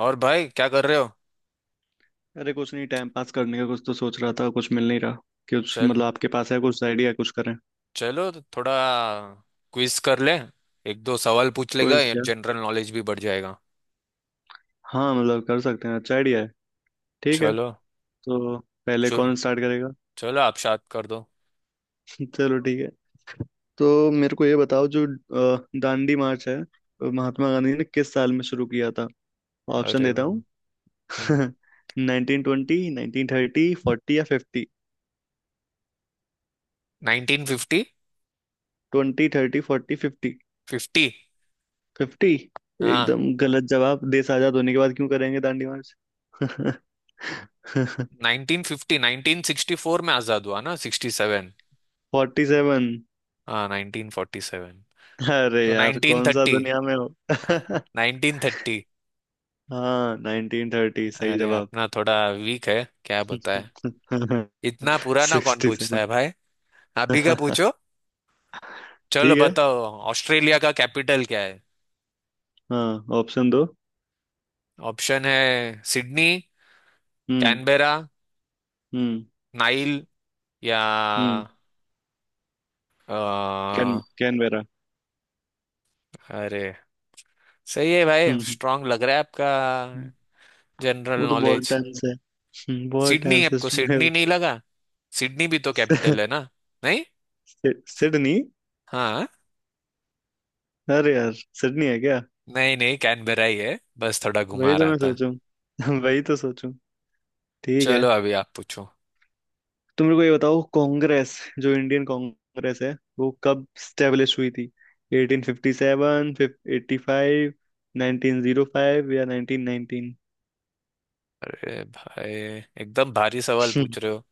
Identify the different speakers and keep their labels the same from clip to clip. Speaker 1: और भाई क्या कर रहे हो?
Speaker 2: अरे कुछ नहीं, टाइम पास करने का कुछ तो सोच रहा था, कुछ मिल नहीं रहा। कुछ
Speaker 1: चल
Speaker 2: मतलब आपके पास है कुछ आइडिया, कुछ करें?
Speaker 1: चलो तो थोड़ा क्विज कर ले। एक दो सवाल पूछ लेगा,
Speaker 2: क्विज क्या?
Speaker 1: जनरल नॉलेज भी बढ़ जाएगा।
Speaker 2: हाँ मतलब कर सकते हैं, अच्छा आइडिया है। ठीक है।
Speaker 1: चलो
Speaker 2: तो पहले
Speaker 1: शुरू।
Speaker 2: कौन स्टार्ट करेगा?
Speaker 1: चलो आप शायद कर दो।
Speaker 2: चलो ठीक है। तो मेरे को ये बताओ, जो दांडी मार्च है, महात्मा गांधी ने किस साल में शुरू किया था? ऑप्शन
Speaker 1: अरे
Speaker 2: देता
Speaker 1: वाह!
Speaker 2: हूँ। Nineteen twenty, nineteen thirty, forty या fifty.
Speaker 1: 1950।
Speaker 2: Twenty, thirty, forty, fifty.
Speaker 1: Fifty.
Speaker 2: Fifty?
Speaker 1: हाँ।
Speaker 2: एकदम गलत जवाब। देश आजाद होने के बाद क्यों करेंगे दांडी मार्च?
Speaker 1: 1950 1964 में आजाद हुआ ना, 67।
Speaker 2: Forty seven?
Speaker 1: हाँ, 1947।
Speaker 2: अरे
Speaker 1: तो
Speaker 2: यार,
Speaker 1: नाइनटीन
Speaker 2: कौन सा
Speaker 1: थर्टी
Speaker 2: दुनिया में हो?
Speaker 1: 1930।
Speaker 2: हाँ नाइनटीन थर्टी, सही
Speaker 1: अरे
Speaker 2: जवाब।
Speaker 1: अपना थोड़ा वीक है। क्या बताए। इतना पुराना कौन
Speaker 2: सिक्सटी
Speaker 1: पूछता
Speaker 2: सेवन।
Speaker 1: है भाई। अभी का पूछो। चलो
Speaker 2: ठीक है।
Speaker 1: बताओ। ऑस्ट्रेलिया का कैपिटल क्या है?
Speaker 2: हाँ ऑप्शन दो।
Speaker 1: ऑप्शन है Sydney,
Speaker 2: hmm.
Speaker 1: Canberra,
Speaker 2: hmm.
Speaker 1: Nile या
Speaker 2: हम्म।
Speaker 1: अ,
Speaker 2: कैनबेरा।
Speaker 1: अरे, सही है भाई,
Speaker 2: हम्म।
Speaker 1: स्ट्रांग लग रहा है आपका
Speaker 2: हम्म,
Speaker 1: जनरल
Speaker 2: वो तो बहुत
Speaker 1: नॉलेज।
Speaker 2: टाइम से। बहुत
Speaker 1: सिडनी?
Speaker 2: टाइम से
Speaker 1: आपको
Speaker 2: स्ट्रॉन्ग है।
Speaker 1: सिडनी नहीं लगा? सिडनी भी तो
Speaker 2: सि-
Speaker 1: कैपिटल है ना। नहीं।
Speaker 2: सि- सिडनी?
Speaker 1: हाँ।
Speaker 2: अरे यार, सिडनी है क्या?
Speaker 1: नहीं नहीं, कैनबेरा ही है, बस थोड़ा
Speaker 2: वही
Speaker 1: घुमा
Speaker 2: तो
Speaker 1: रहा
Speaker 2: मैं
Speaker 1: था।
Speaker 2: सोचूं, वही तो सोचूं। ठीक है।
Speaker 1: चलो अभी आप पूछो।
Speaker 2: तो मेरे को ये बताओ, कांग्रेस, जो इंडियन कांग्रेस है, वो कब स्टेब्लिश हुई थी? 1857, 85, 1905 या 1919?
Speaker 1: अरे भाई, एकदम भारी सवाल पूछ रहे हो।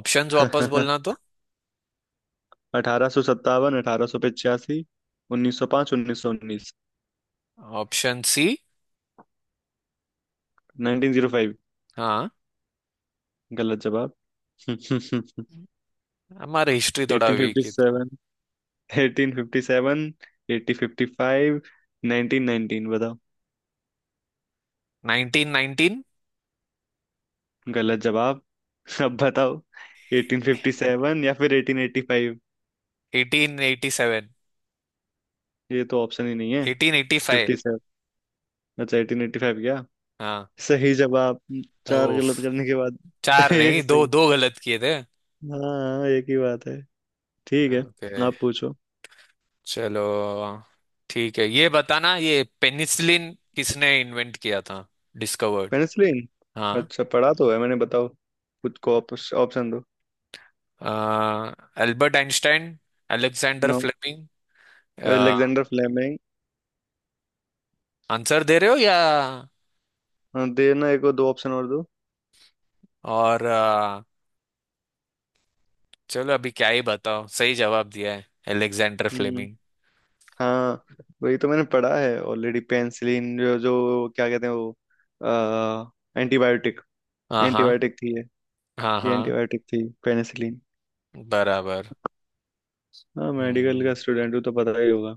Speaker 1: ऑप्शंस वापस बोलना तो।
Speaker 2: अठारह सौ सत्तावन, अठारह सौ पचासी, उन्नीस सौ पांच, उन्नीस सौ उन्नीस।
Speaker 1: Option C.
Speaker 2: Nineteen zero five?
Speaker 1: हाँ।
Speaker 2: गलत जवाब।
Speaker 1: हमारा हिस्ट्री थोड़ा
Speaker 2: एटीन फिफ्टी
Speaker 1: वीक है।
Speaker 2: Seven? Eighteen fifty seven, eighty fifty five, nineteen nineteen बताओ।
Speaker 1: 1919।
Speaker 2: गलत जवाब। अब बताओ, एटीन फिफ्टी सेवन या फिर एटीन एटी फाइव?
Speaker 1: 1887।
Speaker 2: ये तो ऑप्शन ही नहीं है।
Speaker 1: 1885।
Speaker 2: Fifty seven? अच्छा एटीन एटी फाइव क्या?
Speaker 1: हाँ।
Speaker 2: सही जवाब, चार
Speaker 1: ओफ।
Speaker 2: गलत करने के बाद।
Speaker 1: चार
Speaker 2: एक
Speaker 1: नहीं, दो
Speaker 2: सही।
Speaker 1: दो गलत किए थे।
Speaker 2: हाँ एक ही बात है। ठीक है।
Speaker 1: ओके।
Speaker 2: आप पूछो।
Speaker 1: चलो। ठीक है, ये बताना ये पेनिसिलिन किसने इन्वेंट किया था, डिस्कवर्ड।
Speaker 2: पेनिसिलिन।
Speaker 1: हाँ।
Speaker 2: अच्छा पढ़ा तो है मैंने, बताओ, खुद को ऑप्शन दो।
Speaker 1: Albert Einstein. Alexander
Speaker 2: no,
Speaker 1: Fleming.
Speaker 2: Alexander Fleming.
Speaker 1: Answer दे रहे हो या
Speaker 2: देना, एक और दो ऑप्शन और दो।
Speaker 1: और अ, चलो अभी क्या ही बताओ, सही जवाब दिया है। Alexander
Speaker 2: hmm.
Speaker 1: फ्लेमिंग।
Speaker 2: हाँ। वही तो मैंने पढ़ा है ऑलरेडी, पेनिसिलिन, जो जो क्या कहते हैं वो, एंटीबायोटिक।
Speaker 1: हाँ हाँ।
Speaker 2: एंटीबायोटिक थी ये।
Speaker 1: हाँ
Speaker 2: ये
Speaker 1: हाँ।
Speaker 2: एंटीबायोटिक थी पेनिसिलिन।
Speaker 1: बराबर।
Speaker 2: हाँ मेडिकल का
Speaker 1: हम्म।
Speaker 2: स्टूडेंट हूँ तो पता ही होगा।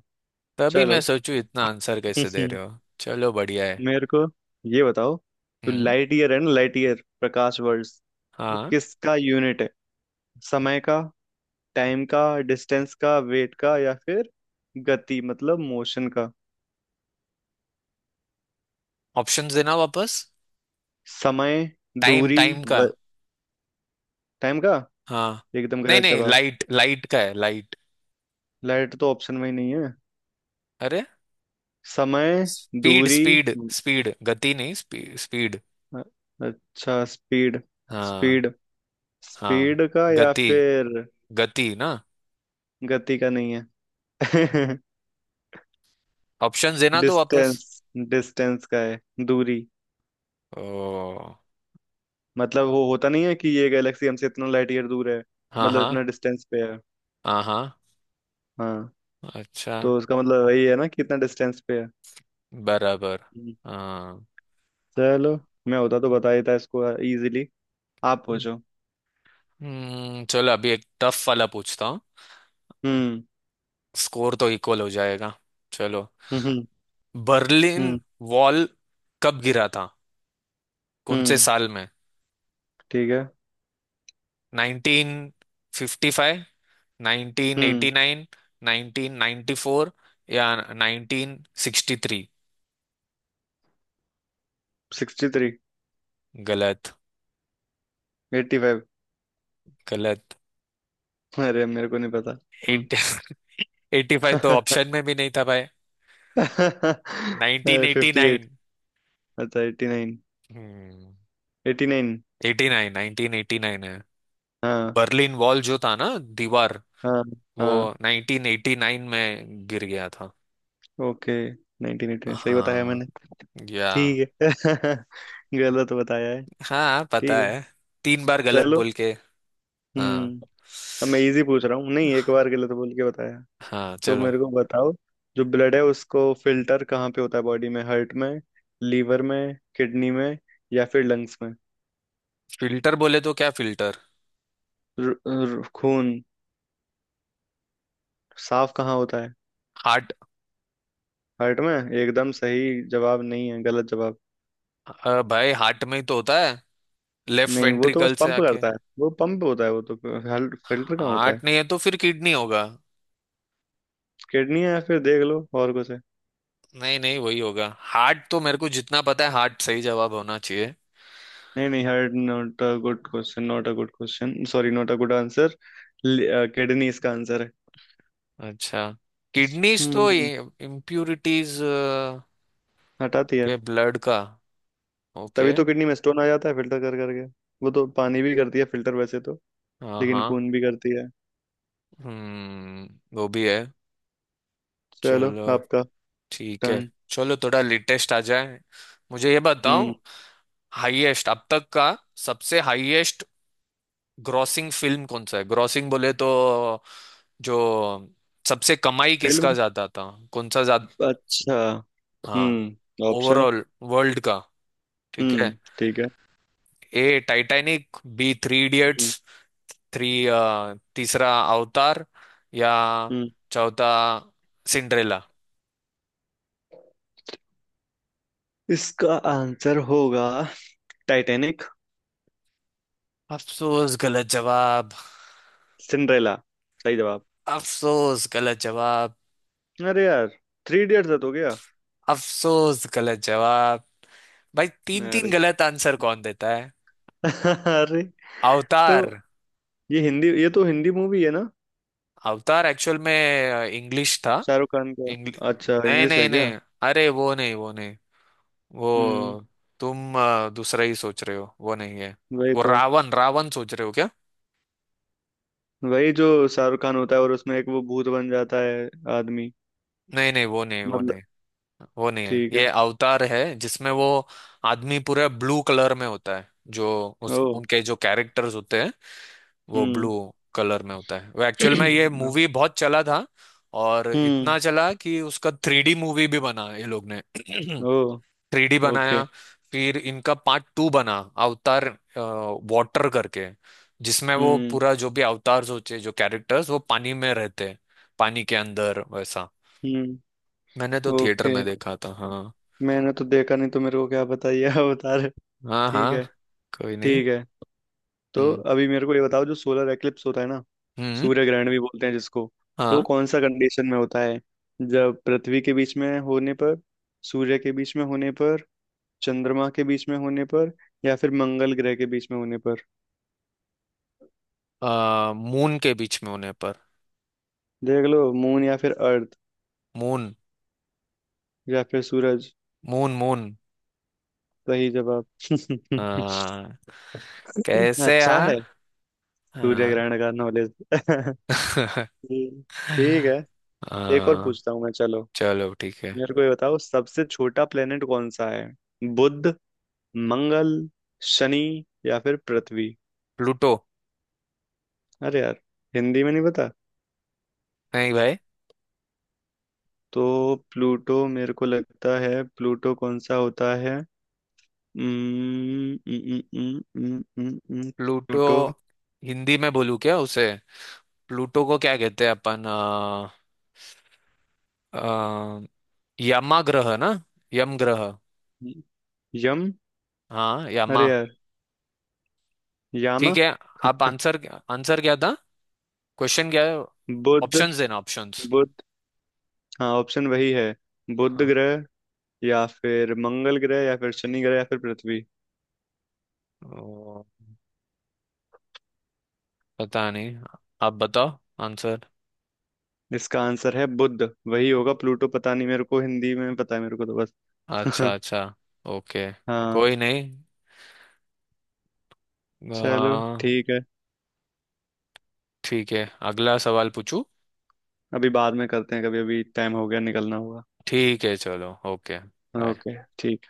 Speaker 1: तभी मैं
Speaker 2: चलो।
Speaker 1: सोचूं इतना आंसर कैसे दे रहे हो, चलो बढ़िया है।
Speaker 2: मेरे को ये बताओ, तो
Speaker 1: हम्म।
Speaker 2: लाइट ईयर है ना, लाइट ईयर, प्रकाश वर्ष, वो
Speaker 1: हाँ।
Speaker 2: किसका यूनिट है? समय का, टाइम का, डिस्टेंस का, वेट का, या फिर गति मतलब मोशन का?
Speaker 1: ऑप्शंस देना वापस।
Speaker 2: समय,
Speaker 1: टाइम,
Speaker 2: दूरी,
Speaker 1: टाइम का।
Speaker 2: टाइम का?
Speaker 1: हाँ।
Speaker 2: एकदम
Speaker 1: नहीं
Speaker 2: गलत
Speaker 1: नहीं,
Speaker 2: जवाब।
Speaker 1: लाइट लाइट का है, लाइट।
Speaker 2: लाइट तो ऑप्शन में ही नहीं है।
Speaker 1: अरे।
Speaker 2: समय,
Speaker 1: स्पीड
Speaker 2: दूरी,
Speaker 1: स्पीड स्पीड, गति नहीं, स्पीड स्पीड।
Speaker 2: अ- अच्छा स्पीड।
Speaker 1: हाँ
Speaker 2: स्पीड।
Speaker 1: हाँ।
Speaker 2: स्पीड का या
Speaker 1: गति।
Speaker 2: फिर
Speaker 1: गति ना।
Speaker 2: गति का? नहीं है।
Speaker 1: ऑप्शंस देना तो वापस।
Speaker 2: डिस्टेंस, डिस्टेंस का है, दूरी।
Speaker 1: ओ।
Speaker 2: मतलब वो होता नहीं है कि ये गैलेक्सी हमसे इतना लाइट ईयर दूर है,
Speaker 1: हाँ
Speaker 2: मतलब
Speaker 1: हाँ।
Speaker 2: इतना डिस्टेंस पे है।
Speaker 1: हाँ हाँ।
Speaker 2: हाँ
Speaker 1: अच्छा।
Speaker 2: तो उसका मतलब वही है ना, कि इतना डिस्टेंस पे है।
Speaker 1: बराबर।
Speaker 2: हम्म।
Speaker 1: हाँ।
Speaker 2: चलो, मैं होता तो बता देता इसको इजीली। आप पूछो।
Speaker 1: हम्म, चलो अभी एक टफ वाला पूछता हूँ।
Speaker 2: हम्म।
Speaker 1: स्कोर तो इक्वल हो जाएगा। चलो।
Speaker 2: हम्म। हम्म।
Speaker 1: Berlin
Speaker 2: hmm.
Speaker 1: वॉल कब गिरा था, कौन से
Speaker 2: हम्म,
Speaker 1: साल में?
Speaker 2: ठीक है।
Speaker 1: 1955,
Speaker 2: हम्म।
Speaker 1: 1989, 1994 या 1963।
Speaker 2: Sixty three?
Speaker 1: गलत।
Speaker 2: Eighty five?
Speaker 1: गलत।
Speaker 2: अरे मेरे को नहीं पता। हम्म।
Speaker 1: एट 85 तो ऑप्शन में भी नहीं था भाई।
Speaker 2: Fifty eight?
Speaker 1: 1989।
Speaker 2: अच्छा एट्टी नाइन।
Speaker 1: हम्म।
Speaker 2: Eighty nine.
Speaker 1: 89, 1989 है।
Speaker 2: हाँ।
Speaker 1: बर्लिन वॉल जो था ना, दीवार,
Speaker 2: हाँ।
Speaker 1: वो
Speaker 2: हाँ
Speaker 1: 1989 में गिर गया था।
Speaker 2: ओके, 1989 सही बताया
Speaker 1: हाँ।
Speaker 2: मैंने।
Speaker 1: या।
Speaker 2: ठीक है गलत बताया है।
Speaker 1: हाँ
Speaker 2: ठीक
Speaker 1: पता
Speaker 2: है।
Speaker 1: है, 3 बार गलत
Speaker 2: चलो।
Speaker 1: बोल के। हाँ।
Speaker 2: हम्म। अब मैं इजी पूछ रहा हूँ। नहीं, एक बार गलत बोल के बताया।
Speaker 1: हाँ।
Speaker 2: तो
Speaker 1: चलो।
Speaker 2: मेरे को बताओ, जो ब्लड है उसको फिल्टर कहाँ पे होता है बॉडी में? हार्ट में, लीवर में, किडनी में, या फिर लंग्स में?
Speaker 1: फिल्टर बोले तो क्या फिल्टर?
Speaker 2: र, र, खून साफ कहाँ होता है?
Speaker 1: हार्ट।
Speaker 2: हार्ट में? एकदम सही जवाब नहीं है, गलत जवाब।
Speaker 1: भाई हार्ट में ही तो होता है, लेफ्ट
Speaker 2: नहीं वो तो बस
Speaker 1: वेंट्रिकल से
Speaker 2: पंप
Speaker 1: आके।
Speaker 2: करता है, वो पंप होता है वो तो। फिल्टर कहाँ होता है?
Speaker 1: हार्ट नहीं है तो फिर किडनी होगा।
Speaker 2: किडनी है, या फिर देख लो और कुछ है।
Speaker 1: नहीं नहीं, वही होगा। हार्ट तो मेरे को जितना पता है, हार्ट सही जवाब होना चाहिए।
Speaker 2: नहीं नहीं, heard not a good question, not a good question, sorry, not a good answer. Kidney इसका आंसर है।
Speaker 1: अच्छा। किडनीज तो ये
Speaker 2: हम्म।
Speaker 1: इम्प्यूरिटीज
Speaker 2: हटा दिया।
Speaker 1: के ब्लड का।
Speaker 2: तभी
Speaker 1: ओके।
Speaker 2: तो किडनी में स्टोन आ जाता है, फिल्टर कर करके। वो तो पानी भी करती है फिल्टर वैसे तो,
Speaker 1: हाँ
Speaker 2: लेकिन
Speaker 1: हाँ।
Speaker 2: खून भी करती है।
Speaker 1: हम्म। वो भी है।
Speaker 2: चलो
Speaker 1: चलो।
Speaker 2: आपका
Speaker 1: ठीक है।
Speaker 2: टर्न।
Speaker 1: चलो थोड़ा लेटेस्ट आ जाए, मुझे ये बताओ।
Speaker 2: हम्म।
Speaker 1: हाईएस्ट अब तक का, सबसे हाईएस्ट ग्रॉसिंग फिल्म कौन सा है? ग्रॉसिंग बोले तो, जो सबसे कमाई किसका
Speaker 2: फिल्म?
Speaker 1: ज्यादा था, कौन सा ज्यादा।
Speaker 2: अच्छा।
Speaker 1: हाँ।
Speaker 2: ऑप्शन।
Speaker 1: ओवरऑल, वर्ल्ड का। ठीक है।
Speaker 2: ठीक है।
Speaker 1: A Titanic, B Three Idiots,
Speaker 2: hmm.
Speaker 1: Three तीसरा अवतार, या
Speaker 2: हम्म।
Speaker 1: चौथा सिंड्रेला।
Speaker 2: इसका आंसर होगा टाइटैनिक।
Speaker 1: अफसोस गलत जवाब।
Speaker 2: सिंड्रेला? सही जवाब।
Speaker 1: अफसोस गलत जवाब।
Speaker 2: अरे यार, थ्री इडियट्स है तो क्या?
Speaker 1: अफसोस गलत जवाब। भाई तीन तीन
Speaker 2: अरे
Speaker 1: गलत आंसर कौन देता है?
Speaker 2: अरे, तो
Speaker 1: अवतार।
Speaker 2: ये तो हिंदी मूवी है ना,
Speaker 1: अवतार एक्चुअल में इंग्लिश था।
Speaker 2: शाहरुख खान का?
Speaker 1: इंग्लिश।
Speaker 2: अच्छा
Speaker 1: नहीं
Speaker 2: इंग्लिश है
Speaker 1: नहीं
Speaker 2: क्या?
Speaker 1: नहीं। अरे वो नहीं, वो नहीं। वो
Speaker 2: हम्म।
Speaker 1: तुम दूसरा ही सोच रहे हो, वो नहीं है।
Speaker 2: वही
Speaker 1: वो
Speaker 2: तो
Speaker 1: रावण रावण सोच रहे हो क्या?
Speaker 2: वही जो शाहरुख खान होता है और उसमें एक वो भूत बन जाता है आदमी।
Speaker 1: नहीं नहीं, वो नहीं वो
Speaker 2: मतलब
Speaker 1: नहीं। वो नहीं है,
Speaker 2: ठीक
Speaker 1: ये
Speaker 2: है।
Speaker 1: अवतार है जिसमें वो आदमी पूरा ब्लू कलर में होता है। जो उस
Speaker 2: ओ।
Speaker 1: उनके जो कैरेक्टर्स होते हैं वो
Speaker 2: हम्म।
Speaker 1: ब्लू कलर में होता है। वो एक्चुअल में ये मूवी बहुत चला था, और
Speaker 2: हम्म।
Speaker 1: इतना चला कि उसका 3D मूवी भी बना ये लोग ने।
Speaker 2: ओ।
Speaker 1: Three D
Speaker 2: okay.
Speaker 1: बनाया। फिर इनका पार्ट 2 बना, अवतार वाटर करके, जिसमें वो
Speaker 2: हम्म।
Speaker 1: पूरा जो भी अवतार्स होते हैं, जो कैरेक्टर्स वो पानी में रहते हैं, पानी के अंदर वैसा।
Speaker 2: हम्म।
Speaker 1: मैंने तो थिएटर
Speaker 2: ओके।
Speaker 1: में देखा था। हाँ।
Speaker 2: मैंने तो देखा नहीं तो मेरे को क्या बताइए, आप बता रहे।
Speaker 1: हाँ
Speaker 2: ठीक
Speaker 1: हाँ।
Speaker 2: है।
Speaker 1: कोई नहीं।
Speaker 2: ठीक है। तो
Speaker 1: हम्म
Speaker 2: अभी मेरे को ये बताओ, जो सोलर एक्लिप्स होता है ना,
Speaker 1: हम्म।
Speaker 2: सूर्य ग्रहण भी बोलते हैं जिसको, तो वो
Speaker 1: हाँ।
Speaker 2: कौन सा कंडीशन में होता है? जब पृथ्वी के बीच में होने पर, सूर्य के बीच में होने पर, चंद्रमा के बीच में होने पर, या फिर मंगल ग्रह के बीच में होने पर?
Speaker 1: मून के बीच में होने पर।
Speaker 2: देख लो, मून या फिर अर्थ
Speaker 1: मून।
Speaker 2: या फिर सूरज।
Speaker 1: Moon moon.
Speaker 2: सही जवाब।
Speaker 1: हाँ। कैसे
Speaker 2: अच्छा
Speaker 1: हाँ।
Speaker 2: है सूर्य
Speaker 1: हाँ।
Speaker 2: ग्रहण का नॉलेज। ठीक है। एक और
Speaker 1: आ,
Speaker 2: पूछता हूँ मैं, चलो।
Speaker 1: चलो ठीक है।
Speaker 2: मेरे को ये बताओ, सबसे छोटा प्लेनेट कौन सा है? बुध, मंगल, शनि या फिर पृथ्वी?
Speaker 1: प्लूटो।
Speaker 2: अरे यार, हिंदी में नहीं पता।
Speaker 1: नहीं भाई।
Speaker 2: तो प्लूटो मेरे को लगता है, प्लूटो कौन सा होता है? उम्म, उम्म, उम्म, उम्म, उम्म, उम्म,
Speaker 1: प्लूटो
Speaker 2: प्लूटो।
Speaker 1: हिंदी में बोलूँ क्या उसे? प्लूटो को क्या कहते हैं अपन आ, यमा ग्रह ना। यम ग्रह।
Speaker 2: यम?
Speaker 1: हाँ यमा।
Speaker 2: अरे यार, यामा।
Speaker 1: ठीक है। आप आंसर। आंसर क्या था? क्वेश्चन क्या है?
Speaker 2: बुध।
Speaker 1: ऑप्शंस देना, ऑप्शंस।
Speaker 2: बुध। हाँ ऑप्शन वही है, बुध
Speaker 1: हाँ।
Speaker 2: ग्रह, या फिर मंगल ग्रह, या फिर शनि ग्रह, या फिर पृथ्वी।
Speaker 1: ओ, पता नहीं। आप बताओ आंसर।
Speaker 2: इसका आंसर है बुध। वही होगा प्लूटो, पता नहीं, मेरे को हिंदी में पता है मेरे को, तो बस।
Speaker 1: अच्छा अच्छा। ओके।
Speaker 2: हाँ।
Speaker 1: कोई नहीं।
Speaker 2: चलो
Speaker 1: आ,
Speaker 2: ठीक है।
Speaker 1: ठीक है। अगला सवाल पूछू।
Speaker 2: अभी बाद में करते हैं कभी, अभी टाइम हो गया, निकलना होगा।
Speaker 1: ठीक है चलो, ओके बाय।
Speaker 2: ओके ठीक।